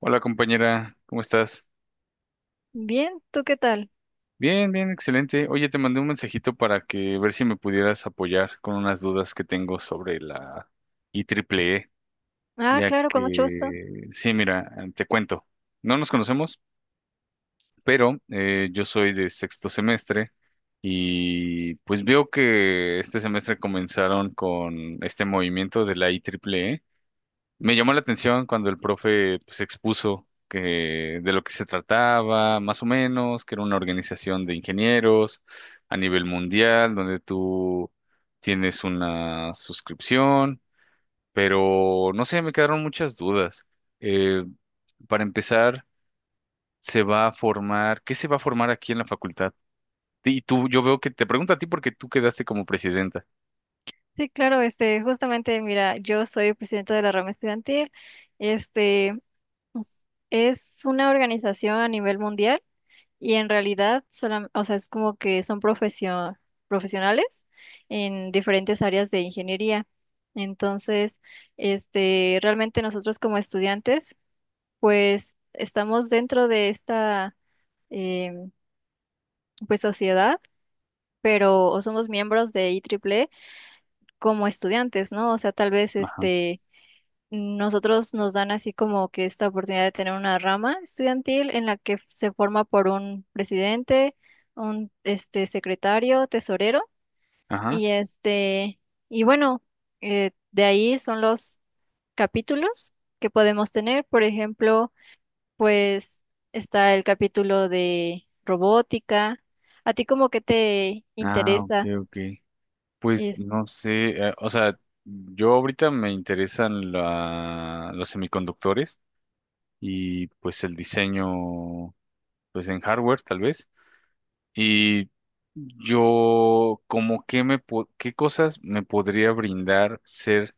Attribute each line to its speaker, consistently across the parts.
Speaker 1: Hola compañera, ¿cómo estás?
Speaker 2: Bien, ¿tú qué tal?
Speaker 1: Bien, bien, excelente. Oye, te mandé un mensajito para que ver si me pudieras apoyar con unas dudas que tengo sobre la i triple e,
Speaker 2: Ah,
Speaker 1: ya
Speaker 2: claro, con mucho gusto.
Speaker 1: que, sí, mira, te cuento, no nos conocemos, pero yo soy de sexto semestre y pues veo que este semestre comenzaron con este movimiento de la i triple e. Me llamó la atención cuando el profe pues, expuso que de lo que se trataba, más o menos, que era una organización de ingenieros a nivel mundial, donde tú tienes una suscripción, pero no sé, me quedaron muchas dudas. Eh, para empezar, se va a formar, ¿qué se va a formar aquí en la facultad? Y tú, yo veo que te pregunto a ti porque tú quedaste como presidenta.
Speaker 2: Sí, claro, justamente, mira, yo soy presidenta de la rama estudiantil. Este, es una organización a nivel mundial y en realidad, o sea, es como que son profesionales en diferentes áreas de ingeniería. Entonces, realmente nosotros como estudiantes, pues estamos dentro de esta, em, pues sociedad, pero o somos miembros de IEEE como estudiantes, ¿no? O sea, tal vez
Speaker 1: Ajá,
Speaker 2: nosotros nos dan así como que esta oportunidad de tener una rama estudiantil en la que se forma por un presidente, un secretario, tesorero,
Speaker 1: ajá.
Speaker 2: y y bueno, de ahí son los capítulos que podemos tener. Por ejemplo, pues está el capítulo de robótica. ¿A ti como que te
Speaker 1: Ah, ok,
Speaker 2: interesa?
Speaker 1: ok. Pues
Speaker 2: Es,
Speaker 1: no sé, o sea, yo ahorita me interesan los semiconductores y pues el diseño, pues en hardware tal vez. Y yo como que qué cosas me podría brindar ser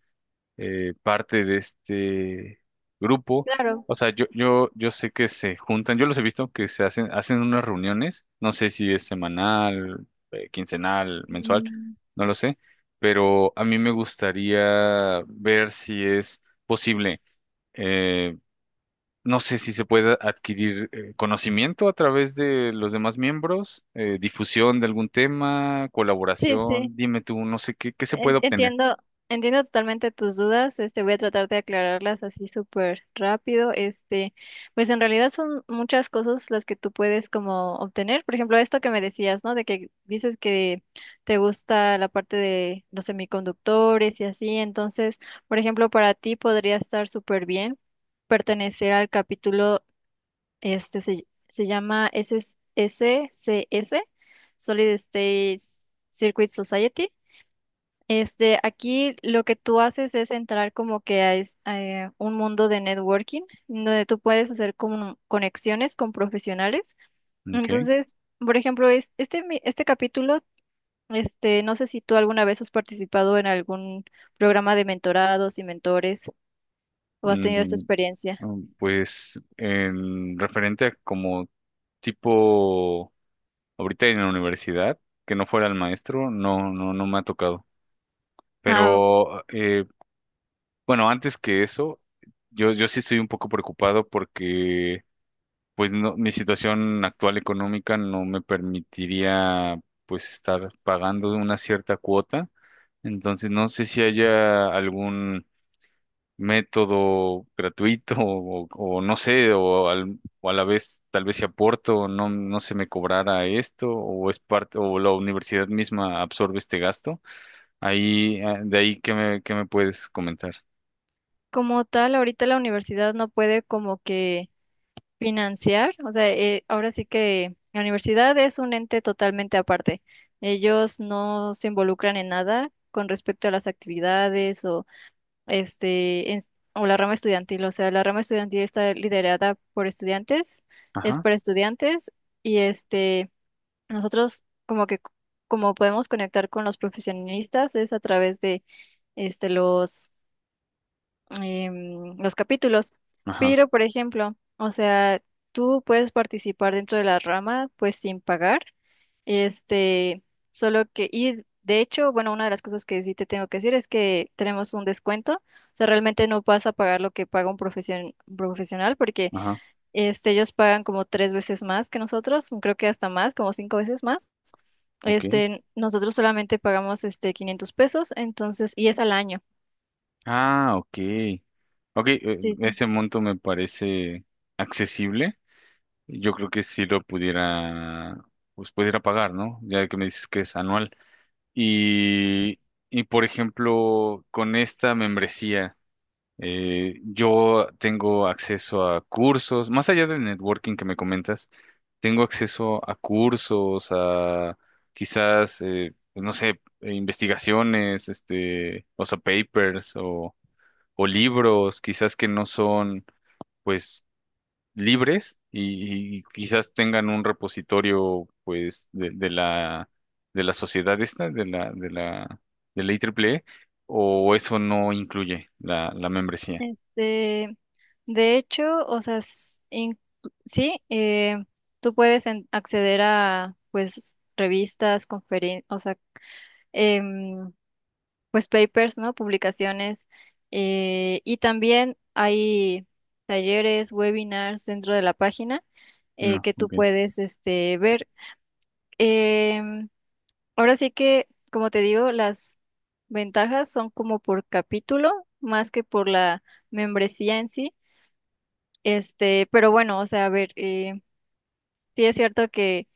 Speaker 1: parte de este grupo.
Speaker 2: claro.
Speaker 1: O sea, yo sé que se juntan, yo los he visto que se hacen, hacen unas reuniones, no sé si es semanal, quincenal, mensual,
Speaker 2: Mm.
Speaker 1: no lo sé, pero a mí me gustaría ver si es posible, eh, no sé si se puede adquirir conocimiento a través de los demás miembros, difusión de algún tema,
Speaker 2: Sí, sí.
Speaker 1: colaboración, dime tú, no sé qué, qué se puede obtener.
Speaker 2: Entiendo, entiendo totalmente tus dudas. Voy a tratar de aclararlas así súper rápido. Pues en realidad son muchas cosas las que tú puedes como obtener. Por ejemplo, esto que me decías, ¿no? De que dices que te gusta la parte de los semiconductores y así. Entonces, por ejemplo, para ti podría estar súper bien pertenecer al capítulo, se, se llama s S c s Solid State Circuit Society, aquí lo que tú haces es entrar como que a, a, un mundo de networking, donde tú puedes hacer como conexiones con profesionales.
Speaker 1: Ok.
Speaker 2: Entonces, por ejemplo, es, este capítulo, no sé si tú alguna vez has participado en algún programa de mentorados y mentores o has tenido esta
Speaker 1: Mm.
Speaker 2: experiencia.
Speaker 1: Mm. Pues en referente a como tipo ahorita en la universidad, que no fuera el maestro, no me ha tocado.
Speaker 2: Ah,
Speaker 1: Pero bueno, antes que eso, yo sí estoy un poco preocupado porque pues no, mi situación actual económica no me permitiría pues estar pagando una cierta cuota. Entonces no sé si haya algún método gratuito o no sé, o a la vez tal vez si aporto, no, no se me cobrara esto o es parte o la universidad misma absorbe este gasto. Ahí, de ahí, ¿qué me puedes comentar?
Speaker 2: como tal, ahorita la universidad no puede como que financiar, o sea, ahora sí que la universidad es un ente totalmente aparte. Ellos no se involucran en nada con respecto a las actividades o este en- o la rama estudiantil. O sea, la rama estudiantil está liderada por estudiantes, es
Speaker 1: Ajá,
Speaker 2: para estudiantes y nosotros como que como podemos conectar con los profesionistas es a través de los los capítulos.
Speaker 1: ajá,
Speaker 2: Pero, por ejemplo, o sea, tú puedes participar dentro de la rama, pues sin pagar. Este, solo que, y de hecho, bueno, una de las cosas que sí te tengo que decir es que tenemos un descuento. O sea, realmente no vas a pagar lo que paga un profesional, porque
Speaker 1: ajá,
Speaker 2: ellos pagan como tres veces más que nosotros, creo que hasta más, como cinco veces más.
Speaker 1: ok.
Speaker 2: Nosotros solamente pagamos 500 pesos, entonces, y es al año.
Speaker 1: Ah, ok. Ok,
Speaker 2: Sí, sí.
Speaker 1: ese monto me parece accesible. Yo creo que sí lo pudiera, pues pudiera pagar, ¿no? Ya que me dices que es anual. Y, y, por ejemplo, con esta membresía, yo tengo acceso a cursos, más allá del networking que me comentas, tengo acceso a cursos, a quizás, no sé, investigaciones, este, o sea, papers o libros, quizás que no son, pues, libres y quizás tengan un repositorio pues de la sociedad esta, de la IEEE o eso no incluye la, la membresía.
Speaker 2: Este, de hecho, o sea, sí, tú puedes acceder a, pues, revistas, conferencias, o sea, em, pues, papers, ¿no? Publicaciones. Y también hay talleres, webinars dentro de la página,
Speaker 1: No,
Speaker 2: que tú
Speaker 1: ok.
Speaker 2: puedes, ver. Em, ahora sí que, como te digo, las ventajas son como por capítulo, más que por la membresía en sí. Pero bueno, o sea, a ver, sí es cierto que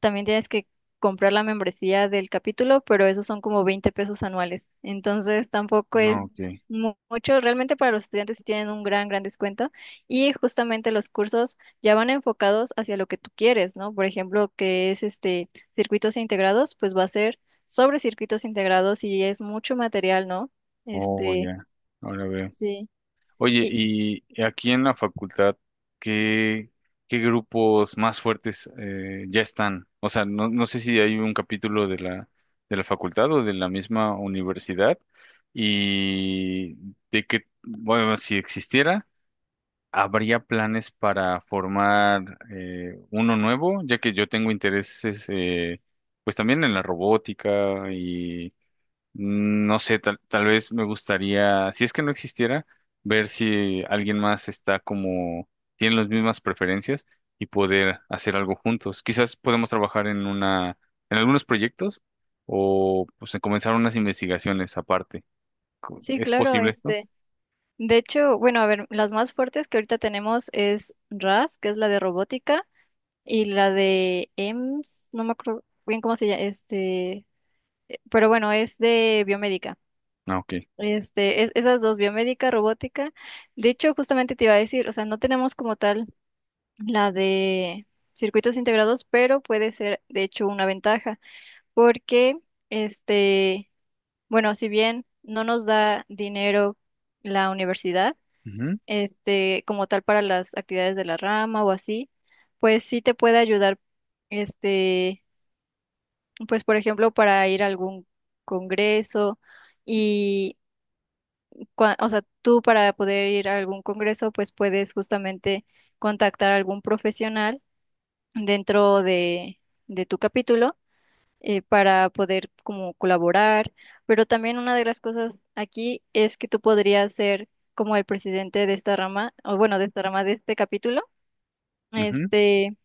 Speaker 2: también tienes que comprar la membresía del capítulo, pero esos son como 20 pesos anuales. Entonces tampoco
Speaker 1: No,
Speaker 2: es
Speaker 1: ok.
Speaker 2: mucho. Realmente para los estudiantes sí tienen un gran, gran descuento. Y justamente los cursos ya van enfocados hacia lo que tú quieres, ¿no? Por ejemplo, que es este circuitos integrados, pues va a ser sobre circuitos integrados y es mucho material, ¿no?
Speaker 1: Oh,
Speaker 2: Este,
Speaker 1: ya. Ahora veo.
Speaker 2: sí.
Speaker 1: Oye,
Speaker 2: Y
Speaker 1: y aquí en la facultad, ¿qué, qué grupos más fuertes ya están? O sea, no, no sé si hay un capítulo de la facultad o de la misma universidad y de que, bueno, si existiera, ¿habría planes para formar uno nuevo? Ya que yo tengo intereses, pues también en la robótica. Mm. No sé, tal, tal vez me gustaría, si es que no existiera, ver si alguien más está como, tiene las mismas preferencias y poder hacer algo juntos. Quizás podemos trabajar en una, en algunos proyectos o pues en comenzar unas investigaciones aparte.
Speaker 2: sí,
Speaker 1: ¿Es
Speaker 2: claro,
Speaker 1: posible esto?
Speaker 2: De hecho, bueno, a ver, las más fuertes que ahorita tenemos es RAS, que es la de robótica, y la de EMS, no me acuerdo bien cómo se llama, pero bueno, es de biomédica.
Speaker 1: Ah, ok.
Speaker 2: Es, esas dos, biomédica, robótica. De hecho, justamente te iba a decir, o sea, no tenemos como tal la de circuitos integrados, pero puede ser, de hecho, una ventaja, porque, este, bueno, si bien no nos da dinero la universidad,
Speaker 1: Ujú,
Speaker 2: como tal para las actividades de la rama o así, pues sí te puede ayudar, este, pues por ejemplo, para ir a algún congreso y, o sea, tú para poder ir a algún congreso, pues puedes justamente contactar a algún profesional dentro de tu capítulo. Para poder como colaborar, pero también una de las cosas aquí es que tú podrías ser como el presidente de esta rama, o bueno, de esta rama de este capítulo.
Speaker 1: ujú.
Speaker 2: Este,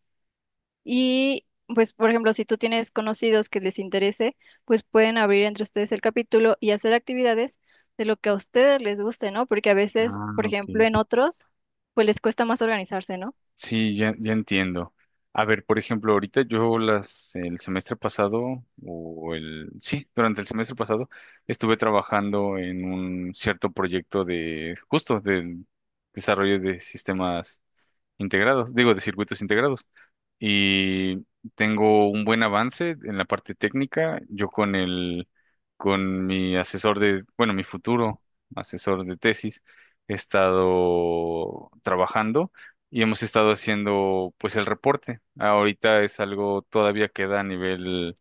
Speaker 2: y pues, por ejemplo, si tú tienes conocidos que les interese, pues pueden abrir entre ustedes el capítulo y hacer actividades de lo que a ustedes les guste, ¿no? Porque a veces,
Speaker 1: Ah,
Speaker 2: por
Speaker 1: ok.
Speaker 2: ejemplo, en otros, pues les cuesta más organizarse, ¿no?
Speaker 1: Sí, ya, ya entiendo. A ver, por ejemplo, el semestre pasado, sí, durante el semestre pasado, estuve trabajando en un cierto proyecto de, justo, del desarrollo de sistemas integrados, digo, de circuitos integrados. Y tengo un buen avance en la parte técnica. Con mi mi futuro asesor de tesis, he estado trabajando y hemos estado haciendo, pues, el reporte. Ahorita es algo todavía queda a nivel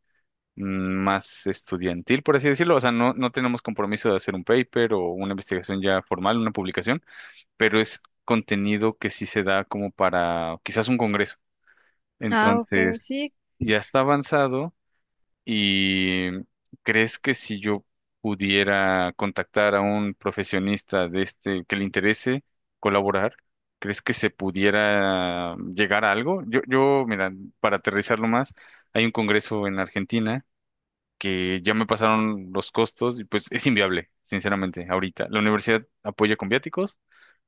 Speaker 1: más estudiantil, por así decirlo. O sea, no, no tenemos compromiso de hacer un paper o una investigación ya formal, una publicación, pero es contenido que sí se da como para quizás un congreso.
Speaker 2: Ah, ok,
Speaker 1: Entonces,
Speaker 2: sí.
Speaker 1: ya está avanzado y ¿crees que si yo pudiera contactar a un profesionista de este que le interese colaborar, ¿crees que se pudiera llegar a algo? Mira, para aterrizarlo más, hay un congreso en Argentina que ya me pasaron los costos y pues es inviable, sinceramente, ahorita. La universidad apoya con viáticos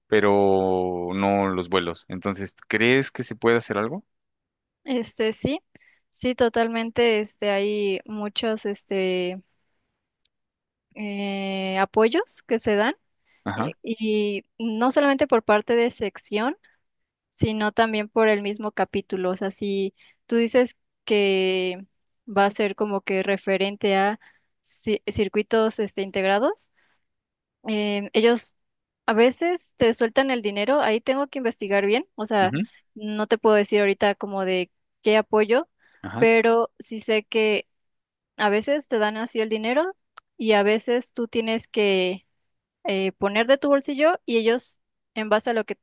Speaker 1: pero no los vuelos. Entonces, ¿crees que se puede hacer algo?
Speaker 2: Sí, sí, totalmente, hay muchos, apoyos que se dan,
Speaker 1: Ajá,
Speaker 2: y no solamente por parte de sección, sino también por el mismo capítulo. O sea, si tú dices que va a ser como que referente a circuitos integrados, ellos a veces te sueltan el dinero, ahí tengo que investigar bien, o sea,
Speaker 1: ujú,
Speaker 2: no te puedo decir ahorita como de qué apoyo,
Speaker 1: ajá,
Speaker 2: pero sí sé que a veces te dan así el dinero y a veces tú tienes que poner de tu bolsillo y ellos... En base a lo que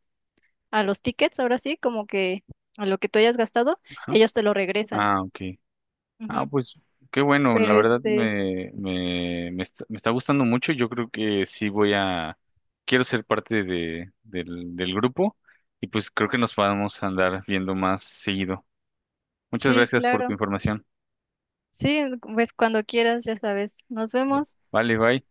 Speaker 2: a los tickets, ahora sí, como que a lo que tú hayas gastado,
Speaker 1: ajá.
Speaker 2: ellos te lo regresan.
Speaker 1: Ah, ok. Ah,
Speaker 2: Ujú.
Speaker 1: pues qué bueno, la
Speaker 2: Pero
Speaker 1: verdad me está gustando mucho. Yo creo que sí voy a, quiero ser parte de, del, del grupo y pues creo que nos vamos a andar viendo más seguido. Muchas
Speaker 2: sí,
Speaker 1: gracias por tu
Speaker 2: claro.
Speaker 1: información.
Speaker 2: Sí, pues cuando quieras, ya sabes. Nos vemos.
Speaker 1: Vale, bye.